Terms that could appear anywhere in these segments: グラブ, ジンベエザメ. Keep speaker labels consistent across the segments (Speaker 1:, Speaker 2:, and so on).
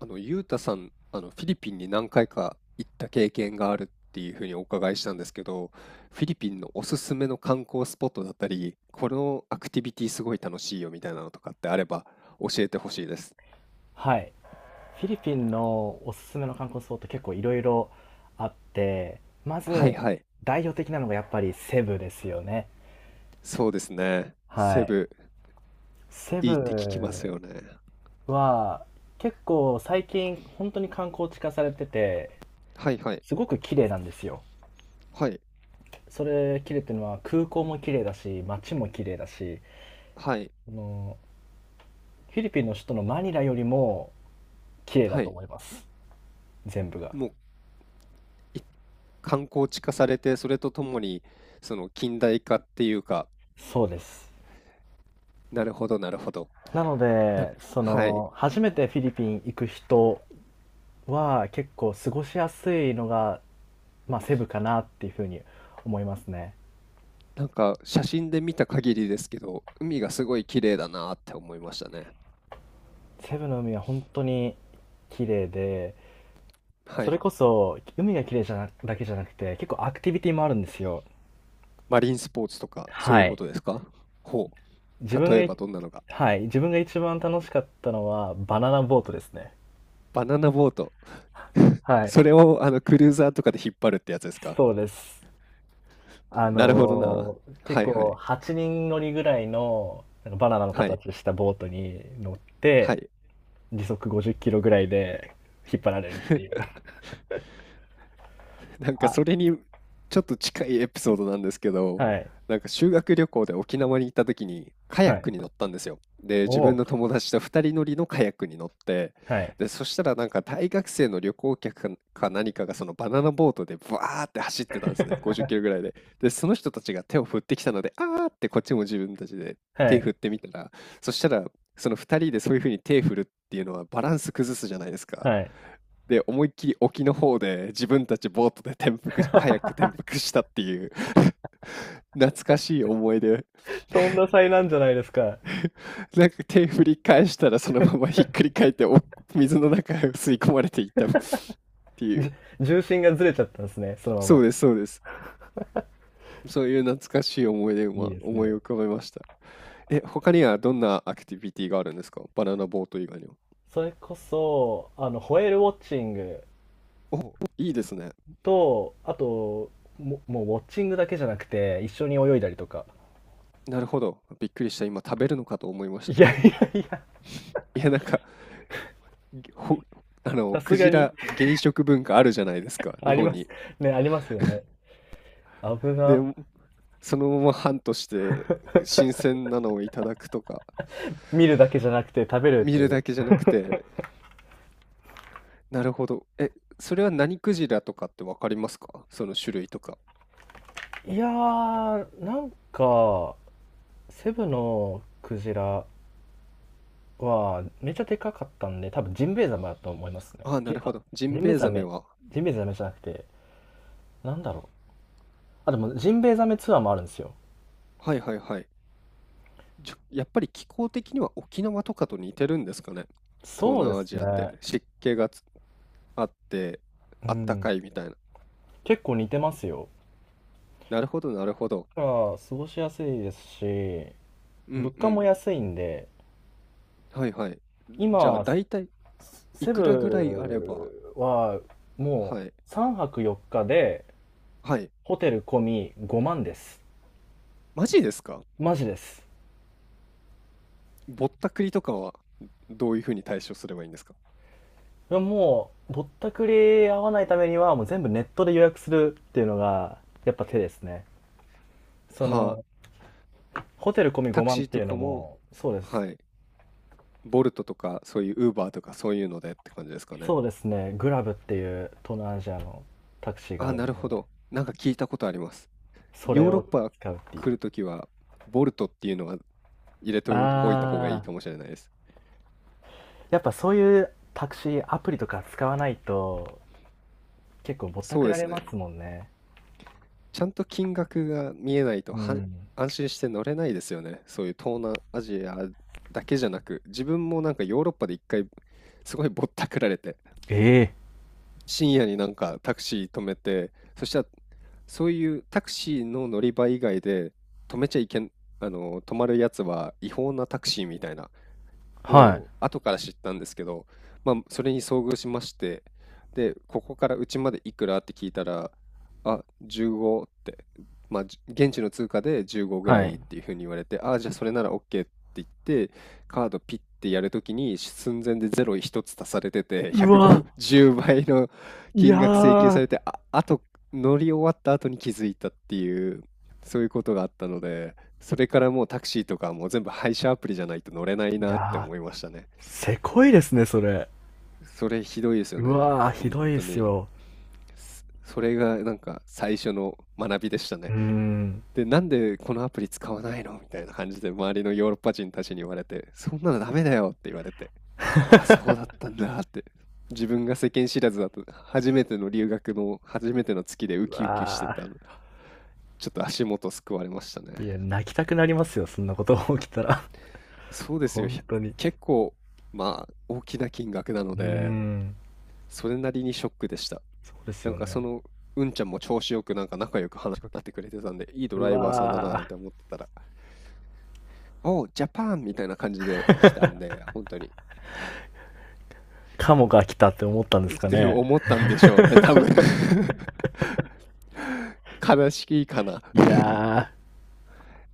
Speaker 1: ゆうたさん、フィリピンに何回か行った経験があるっていうふうにお伺いしたんですけど、フィリピンのおすすめの観光スポットだったり、このアクティビティすごい楽しいよみたいなのとかってあれば教えてほしいです。
Speaker 2: はい。フィリピンのおすすめの観光スポット結構いろいろあって、ま
Speaker 1: はい
Speaker 2: ず
Speaker 1: はい。
Speaker 2: 代表的なのがやっぱりセブですよね。
Speaker 1: そうですね。
Speaker 2: は
Speaker 1: セ
Speaker 2: い。
Speaker 1: ブ、
Speaker 2: セ
Speaker 1: いいって聞きます
Speaker 2: ブ
Speaker 1: よね。
Speaker 2: は結構最近本当に観光地化されてて、
Speaker 1: はいはい。
Speaker 2: すごく綺麗なんですよ。
Speaker 1: はい。
Speaker 2: それ綺麗っていうのは空港も綺麗だし、街も綺麗だし、
Speaker 1: はい。
Speaker 2: あのフィリピンの首都のマニラよりも綺麗だ
Speaker 1: は
Speaker 2: と
Speaker 1: い。
Speaker 2: 思います。全部が。
Speaker 1: もう、い観光地化されて、それとともに、その近代化っていうか、
Speaker 2: そうです。
Speaker 1: なるほどなるほど。
Speaker 2: なの
Speaker 1: な、
Speaker 2: で、そ
Speaker 1: はい。
Speaker 2: の、初めてフィリピン行く人は結構過ごしやすいのが、まあ、セブかなっていうふうに思いますね。
Speaker 1: なんか写真で見た限りですけど、海がすごい綺麗だなって思いましたね。
Speaker 2: セブの海は本当に綺麗で、
Speaker 1: は
Speaker 2: それ
Speaker 1: い。
Speaker 2: こそ海が綺麗じゃな、だけじゃなくて、結構アクティビティもあるんですよ。
Speaker 1: マリンスポーツとか、そう
Speaker 2: は
Speaker 1: いうこ
Speaker 2: い。
Speaker 1: とですか？ほ
Speaker 2: 自
Speaker 1: う。
Speaker 2: 分
Speaker 1: 例
Speaker 2: が
Speaker 1: え
Speaker 2: い、
Speaker 1: ばどんなのが。
Speaker 2: はい。自分が一番楽しかったのはバナナボートですね。
Speaker 1: バナナボート。
Speaker 2: はい。
Speaker 1: それをクルーザーとかで引っ張るってやつですか？
Speaker 2: そうです。
Speaker 1: なるほどな。
Speaker 2: 結
Speaker 1: はいは
Speaker 2: 構
Speaker 1: い。
Speaker 2: 8人乗りぐらいのなんかバナナの
Speaker 1: はい。
Speaker 2: 形したボートに乗っ
Speaker 1: は
Speaker 2: て、
Speaker 1: い。
Speaker 2: 時速50キロぐらいで引っ張られるっていう。
Speaker 1: なんか
Speaker 2: あ、
Speaker 1: それにちょっと近いエピソードなんですけど、
Speaker 2: はい、
Speaker 1: なんか修学旅行で沖縄に行った時にカヤ
Speaker 2: は
Speaker 1: ッ
Speaker 2: い。
Speaker 1: クに乗ったんですよ。で、
Speaker 2: お
Speaker 1: 自分
Speaker 2: お、
Speaker 1: の友達と2人乗りのカヤックに乗って、
Speaker 2: はい。
Speaker 1: で、そしたらなんか大学生の旅行客か何かがそのバナナボートでバーって走ってたんですね。50キロぐら いで。で、その人たちが手を振ってきたので、あーってこっちも自分たちで
Speaker 2: は
Speaker 1: 手
Speaker 2: い、
Speaker 1: 振ってみたら、そしたらその2人でそういうふうに手振るっていうのはバランス崩すじゃないですか。
Speaker 2: はい。
Speaker 1: で、思いっきり沖の方で自分たちボートで転覆し、カヤック 転覆したっていう懐かしい思い出。
Speaker 2: とんだ災難じゃないですか。
Speaker 1: なんか手振り返したらそのままひっくり返ってお水の中へ吸い込まれていったっていう。
Speaker 2: じ、重心がずれちゃったんですね、そのま
Speaker 1: そう
Speaker 2: ま。
Speaker 1: です、そうです。そういう懐かしい思い出を
Speaker 2: いい
Speaker 1: 今
Speaker 2: です
Speaker 1: 思い
Speaker 2: ね。
Speaker 1: 浮かべました。え、他にはどんなアクティビティがあるんですか？バナナボート以外には。
Speaker 2: それこそ、あの、ホエールウォッチング
Speaker 1: お、いいですね。
Speaker 2: と、あと、もうウォッチングだけじゃなくて、一緒に泳いだりとか。
Speaker 1: なるほど。びっくりした。今食べるのかと思いまし
Speaker 2: いや
Speaker 1: た。
Speaker 2: いやいや、
Speaker 1: いや、なんか、ぎほ、あの、
Speaker 2: さす
Speaker 1: ク
Speaker 2: が
Speaker 1: ジ
Speaker 2: に、
Speaker 1: ラ、芸食文化あるじゃないですか、
Speaker 2: あ
Speaker 1: 日
Speaker 2: り
Speaker 1: 本
Speaker 2: ます。
Speaker 1: に。
Speaker 2: ね、ありますよね。ブ
Speaker 1: で、
Speaker 2: が
Speaker 1: そのまま半として、新鮮なのをいただくとか、
Speaker 2: 見るだけじゃなくて食べるっ
Speaker 1: 見る
Speaker 2: て。
Speaker 1: だけじゃなくて、なるほど。え、それは何クジラとかってわかりますか？その種類とか。
Speaker 2: いやー、なんか、セブのクジラはめっちゃでかかったんで、多分ジンベエザメだと思いますね。
Speaker 1: ああ、なるほ
Speaker 2: あ、
Speaker 1: ど。ジ
Speaker 2: ジ
Speaker 1: ン
Speaker 2: ン
Speaker 1: ベ
Speaker 2: ベエ
Speaker 1: エ
Speaker 2: ザ
Speaker 1: ザメ
Speaker 2: メ、
Speaker 1: は。
Speaker 2: ジンベエザメじゃなくて、なんだろう。あ、でもジンベエザメツアーもあるんですよ。
Speaker 1: はいはいはい。やっぱり気候的には沖縄とかと似てるんですかね？東
Speaker 2: そうで
Speaker 1: 南ア
Speaker 2: す
Speaker 1: ジアって。
Speaker 2: ね。
Speaker 1: 湿気があって、
Speaker 2: う
Speaker 1: あった
Speaker 2: ん。
Speaker 1: かいみたいな。
Speaker 2: 結構似てますよ。
Speaker 1: なるほどなるほど。
Speaker 2: だから、過ごしやすいですし、
Speaker 1: う
Speaker 2: 物
Speaker 1: んう
Speaker 2: 価
Speaker 1: ん。
Speaker 2: も安いんで、
Speaker 1: はいはい。じゃあ
Speaker 2: 今、
Speaker 1: 大体い
Speaker 2: セ
Speaker 1: くらぐらいあれば、
Speaker 2: ブはも
Speaker 1: はい。
Speaker 2: う3泊4日で
Speaker 1: はい。
Speaker 2: ホテル込み5万です。
Speaker 1: マジですか？
Speaker 2: マジです。
Speaker 1: ぼったくりとかは、どういう風に対処すればいいんですか？
Speaker 2: いやもうぼったくり合わないためにはもう全部ネットで予約するっていうのがやっぱ手ですね。そ
Speaker 1: はあ、
Speaker 2: のホテル込み
Speaker 1: タク
Speaker 2: 5万
Speaker 1: シ
Speaker 2: っ
Speaker 1: ー
Speaker 2: て
Speaker 1: と
Speaker 2: いう
Speaker 1: か
Speaker 2: の
Speaker 1: も、
Speaker 2: もそうです。
Speaker 1: はい。ボルトとかそういうウーバーとかそういうのでって感じですかね。
Speaker 2: そうですね。グラブっていう東南アジアのタクシー
Speaker 1: あ
Speaker 2: があ
Speaker 1: あ、
Speaker 2: るの
Speaker 1: なるほ
Speaker 2: で、
Speaker 1: ど。なんか聞いたことあります。
Speaker 2: そ
Speaker 1: ヨ
Speaker 2: れ
Speaker 1: ーロッ
Speaker 2: を
Speaker 1: パ
Speaker 2: 使うっていう。
Speaker 1: 来るときは、ボルトっていうのは入れておいた方がいい
Speaker 2: あ
Speaker 1: かも
Speaker 2: あ、
Speaker 1: しれないです。
Speaker 2: やっぱそういうタクシーアプリとか使わないと結構ぼった
Speaker 1: そ
Speaker 2: く
Speaker 1: うで
Speaker 2: ら
Speaker 1: す
Speaker 2: れま
Speaker 1: ね。
Speaker 2: すもんね。
Speaker 1: ちゃんと金額が見えないと
Speaker 2: う
Speaker 1: は
Speaker 2: ん。
Speaker 1: 安心して乗れないですよね。そういう東南アジアだけじゃなく、自分もなんかヨーロッパで一回すごいぼったくられて、
Speaker 2: ええ
Speaker 1: 深夜になんかタクシー止めて、そしたらそういうタクシーの乗り場以外で止めちゃいけん、あの、止まるやつは違法なタクシーみたいな
Speaker 2: ー、
Speaker 1: を
Speaker 2: はい。
Speaker 1: 後から知ったんですけど、まあ、それに遭遇しまして、で、ここからうちまでいくらって聞いたら、あ、15って、まあ、現地の通貨で15ぐら
Speaker 2: は
Speaker 1: いっ
Speaker 2: い。
Speaker 1: ていうふうに言われて、あ、じゃあそれなら OK って言って、カードピッてやるときに寸前でゼロ一つ足されてて、
Speaker 2: うわ、
Speaker 1: 150倍の
Speaker 2: いや
Speaker 1: 金額請求され
Speaker 2: ー、
Speaker 1: て、あ、あと乗り終わった後に気づいたっていう、そういうことがあったので、それからもうタクシーとかもう全部配車アプリじゃないと乗れない
Speaker 2: い
Speaker 1: なって
Speaker 2: や
Speaker 1: 思いましたね。
Speaker 2: ーせこいですね、それ。
Speaker 1: それひどいですよ
Speaker 2: う
Speaker 1: ね。
Speaker 2: わー、ひ
Speaker 1: 本
Speaker 2: どいで
Speaker 1: 当
Speaker 2: す
Speaker 1: に。
Speaker 2: よ。
Speaker 1: それがなんか最初の学びでした
Speaker 2: う
Speaker 1: ね。
Speaker 2: ーん。
Speaker 1: で、なんでこのアプリ使わないのみたいな感じで周りのヨーロッパ人たちに言われて、そんなのダメだよって言われて、あ、そうだっ たんだって。自分が世間知らずだと、初めての留学の初めての月でウ
Speaker 2: う
Speaker 1: キウキして
Speaker 2: わ
Speaker 1: たの。ちょっと足元すくわれましたね。
Speaker 2: ー。いや、泣きたくなりますよ、そんなことが起きたら。
Speaker 1: そうですよ。
Speaker 2: 本当に。
Speaker 1: 結構、まあ、大きな金額なの
Speaker 2: うー
Speaker 1: で、
Speaker 2: ん。
Speaker 1: それなりにショックでした。
Speaker 2: そうです
Speaker 1: なん
Speaker 2: よ
Speaker 1: かそ
Speaker 2: ね。
Speaker 1: の、うんちゃんも調子よくなんか仲良く話しかけてくれてたんで、いいド
Speaker 2: う
Speaker 1: ライバーさんだな
Speaker 2: わ
Speaker 1: なんて
Speaker 2: ー。
Speaker 1: 思ってたら、おう、ジャパンみたいな感じで来たんで、本当に。
Speaker 2: カモが来たって思ったんです
Speaker 1: っ
Speaker 2: か
Speaker 1: て
Speaker 2: ね。
Speaker 1: 思ったんでしょうね、多分 悲しいかな。
Speaker 2: いやー。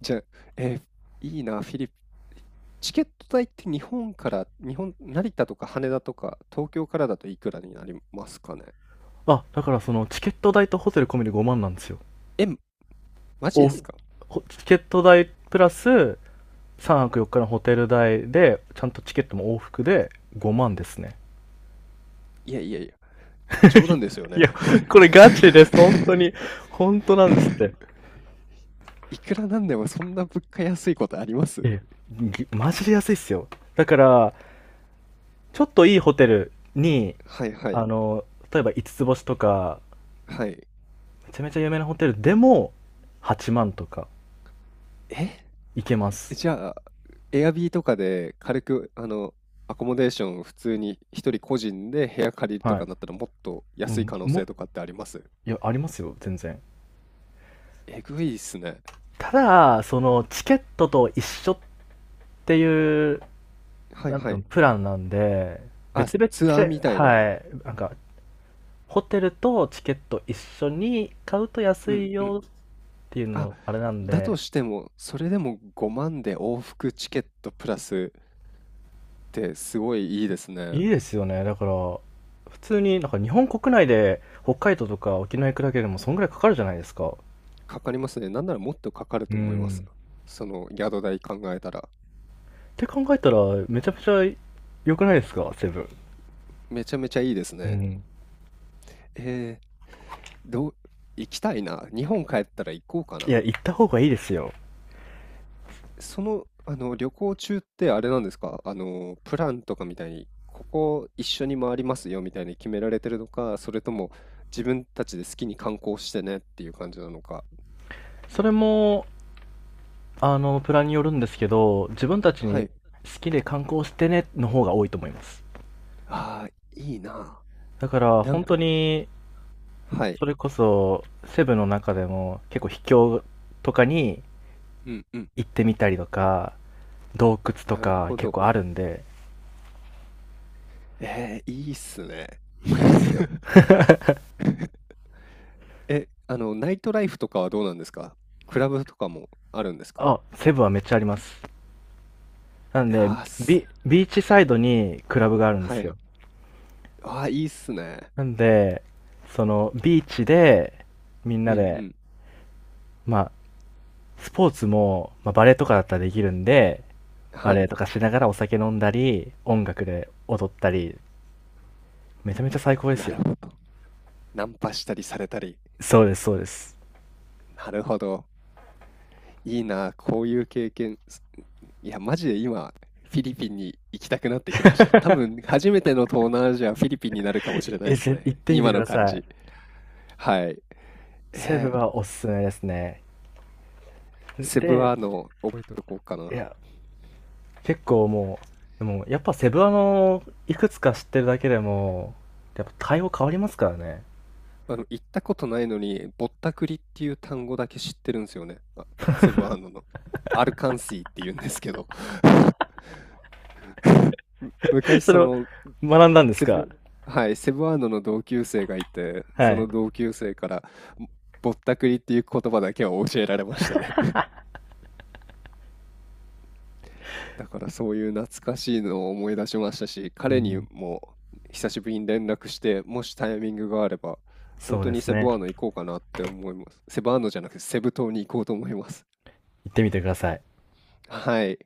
Speaker 1: じゃあ、えーいいな、フィリピン。チケット代って日本から、日本、成田とか羽田とか、東京からだといくらになりますかね。
Speaker 2: あ、だからそのチケット代とホテル込みで5万なんですよ。
Speaker 1: えマジ
Speaker 2: お、
Speaker 1: で
Speaker 2: チ
Speaker 1: すか？
Speaker 2: ケット代プラス3泊4日のホテル代でちゃんとチケットも往復で5万ですね。
Speaker 1: いやいやいや、冗談ですよ
Speaker 2: い
Speaker 1: ね。
Speaker 2: や、これガチです本当 に。本当なんですって。
Speaker 1: いくらなんでもそんな物価安いことあります？
Speaker 2: ええ、マジで安いっすよ。だから、ちょっといいホテルに、
Speaker 1: はいは
Speaker 2: あ
Speaker 1: い
Speaker 2: の、例えば五つ星とか、
Speaker 1: はい。
Speaker 2: めちゃめちゃ有名なホテルでも8万とか
Speaker 1: え、
Speaker 2: いけます。
Speaker 1: じゃあ、エアビーとかで軽く、あの、アコモデーション普通に一人個人で部屋借りると
Speaker 2: は
Speaker 1: か
Speaker 2: い、
Speaker 1: だったらもっと
Speaker 2: う
Speaker 1: 安い可
Speaker 2: ん、
Speaker 1: 能
Speaker 2: も
Speaker 1: 性とかってあります？
Speaker 2: いや、ありますよ全然。
Speaker 1: えぐいっすね。
Speaker 2: ただ、そのチケットと一緒っていう、
Speaker 1: はい
Speaker 2: なんてい
Speaker 1: は
Speaker 2: うの、
Speaker 1: い。
Speaker 2: プランなんで、
Speaker 1: あ、
Speaker 2: 別々
Speaker 1: ツアーみ
Speaker 2: で、
Speaker 1: たいな。
Speaker 2: はい、なんか、ホテルとチケット一緒に買うと安
Speaker 1: うん
Speaker 2: い
Speaker 1: うん。
Speaker 2: よっていう
Speaker 1: あ、
Speaker 2: の、あれなん
Speaker 1: だと
Speaker 2: で、
Speaker 1: しても、それでも5万で往復チケットプラスってすごいいいですね。
Speaker 2: いいですよね。だから、普通になんか日本国内で北海道とか沖縄行くだけでもそんぐらいかかるじゃないですか。
Speaker 1: かかりますね。なんならもっとかかる
Speaker 2: う
Speaker 1: と思います。
Speaker 2: ん。
Speaker 1: その宿代考えたら。
Speaker 2: って考えたら、めちゃめちゃ良くないですか、セブン。
Speaker 1: めちゃめちゃいいです
Speaker 2: う
Speaker 1: ね。
Speaker 2: ん。
Speaker 1: えー、どう、行きたいな。日本帰ったら行こうか
Speaker 2: い
Speaker 1: な。
Speaker 2: や、行った方がいいですよ。
Speaker 1: その、あの、旅行中ってあれなんですか？あの、プランとかみたいに、ここ一緒に回りますよみたいに決められてるのか、それとも自分たちで好きに観光してねっていう感じなのか。
Speaker 2: それも、あの、プランによるんですけど、自分たち
Speaker 1: は
Speaker 2: に好
Speaker 1: い。
Speaker 2: きで観光してねの方が多いと思います。
Speaker 1: ああ、いいな。
Speaker 2: だから
Speaker 1: なん
Speaker 2: 本
Speaker 1: か、
Speaker 2: 当に
Speaker 1: はい。
Speaker 2: それこそセブの中でも結構秘境とかに
Speaker 1: うんうん。
Speaker 2: 行ってみたりとか、洞窟と
Speaker 1: なる
Speaker 2: か
Speaker 1: ほ
Speaker 2: 結
Speaker 1: ど。
Speaker 2: 構あるんで、
Speaker 1: えー、いいっすね。
Speaker 2: いいですよ。
Speaker 1: え、あの、ナイトライフとかはどうなんですか？クラブとかもあるんですか？
Speaker 2: あ、セブはめっちゃあります。なんで、
Speaker 1: ああす、
Speaker 2: ビビーチサイドにクラブがあるんで
Speaker 1: は
Speaker 2: す
Speaker 1: い。
Speaker 2: よ。
Speaker 1: ああ、いいっすね。
Speaker 2: なんで、そのビーチでみん
Speaker 1: う
Speaker 2: な
Speaker 1: んう
Speaker 2: で、
Speaker 1: ん。
Speaker 2: まあスポーツも、まあ、バレエとかだったらできるんで、バ
Speaker 1: は
Speaker 2: レエ
Speaker 1: い。
Speaker 2: とかしながらお酒飲んだり音楽で踊ったり、めちゃめちゃ最高です
Speaker 1: なる
Speaker 2: よ。
Speaker 1: ほど。ナンパしたりされたり。
Speaker 2: そうですそうです。
Speaker 1: なるほど。いいな、こういう経験。いや、マジで今、フィリピンに行きたくなってきました。多分、初めての東南アジア、フィリピンになるかもしれないで
Speaker 2: え、
Speaker 1: す
Speaker 2: 行
Speaker 1: ね。
Speaker 2: ってみて
Speaker 1: 今
Speaker 2: く
Speaker 1: の
Speaker 2: だ
Speaker 1: 感
Speaker 2: さい。
Speaker 1: じ。はい。
Speaker 2: セ
Speaker 1: え
Speaker 2: ブ
Speaker 1: ー、
Speaker 2: はおすすめですね。
Speaker 1: セブ
Speaker 2: で、
Speaker 1: アの覚えておこうか
Speaker 2: い
Speaker 1: な。
Speaker 2: や、結構もう、でもやっぱセブ、あの、いくつか知ってるだけでも、やっぱ対応変わりますからね。
Speaker 1: あの、行ったことないのに、ぼったくりっていう単語だけ知ってるんですよね。あ、セブンアンドの。アルカンシーって言うんですけど。昔
Speaker 2: それ
Speaker 1: そ
Speaker 2: を
Speaker 1: の、
Speaker 2: 学んだんです
Speaker 1: セ
Speaker 2: か。
Speaker 1: ブはい、セブンアンドの同級生がいて、
Speaker 2: は
Speaker 1: そ
Speaker 2: い。
Speaker 1: の同級生から、ぼったくりっていう言葉だけは教えられましたね。だからそういう懐かしいのを思い出しましたし、
Speaker 2: う
Speaker 1: 彼に
Speaker 2: ん、
Speaker 1: も久しぶりに連絡して、もしタイミングがあれば、本
Speaker 2: そう
Speaker 1: 当
Speaker 2: で
Speaker 1: に
Speaker 2: す
Speaker 1: セブ
Speaker 2: ね。
Speaker 1: アーノ行こうかなって思います。セブアーノじゃなくてセブ島に行こうと思います。
Speaker 2: 行ってみてください。
Speaker 1: はい。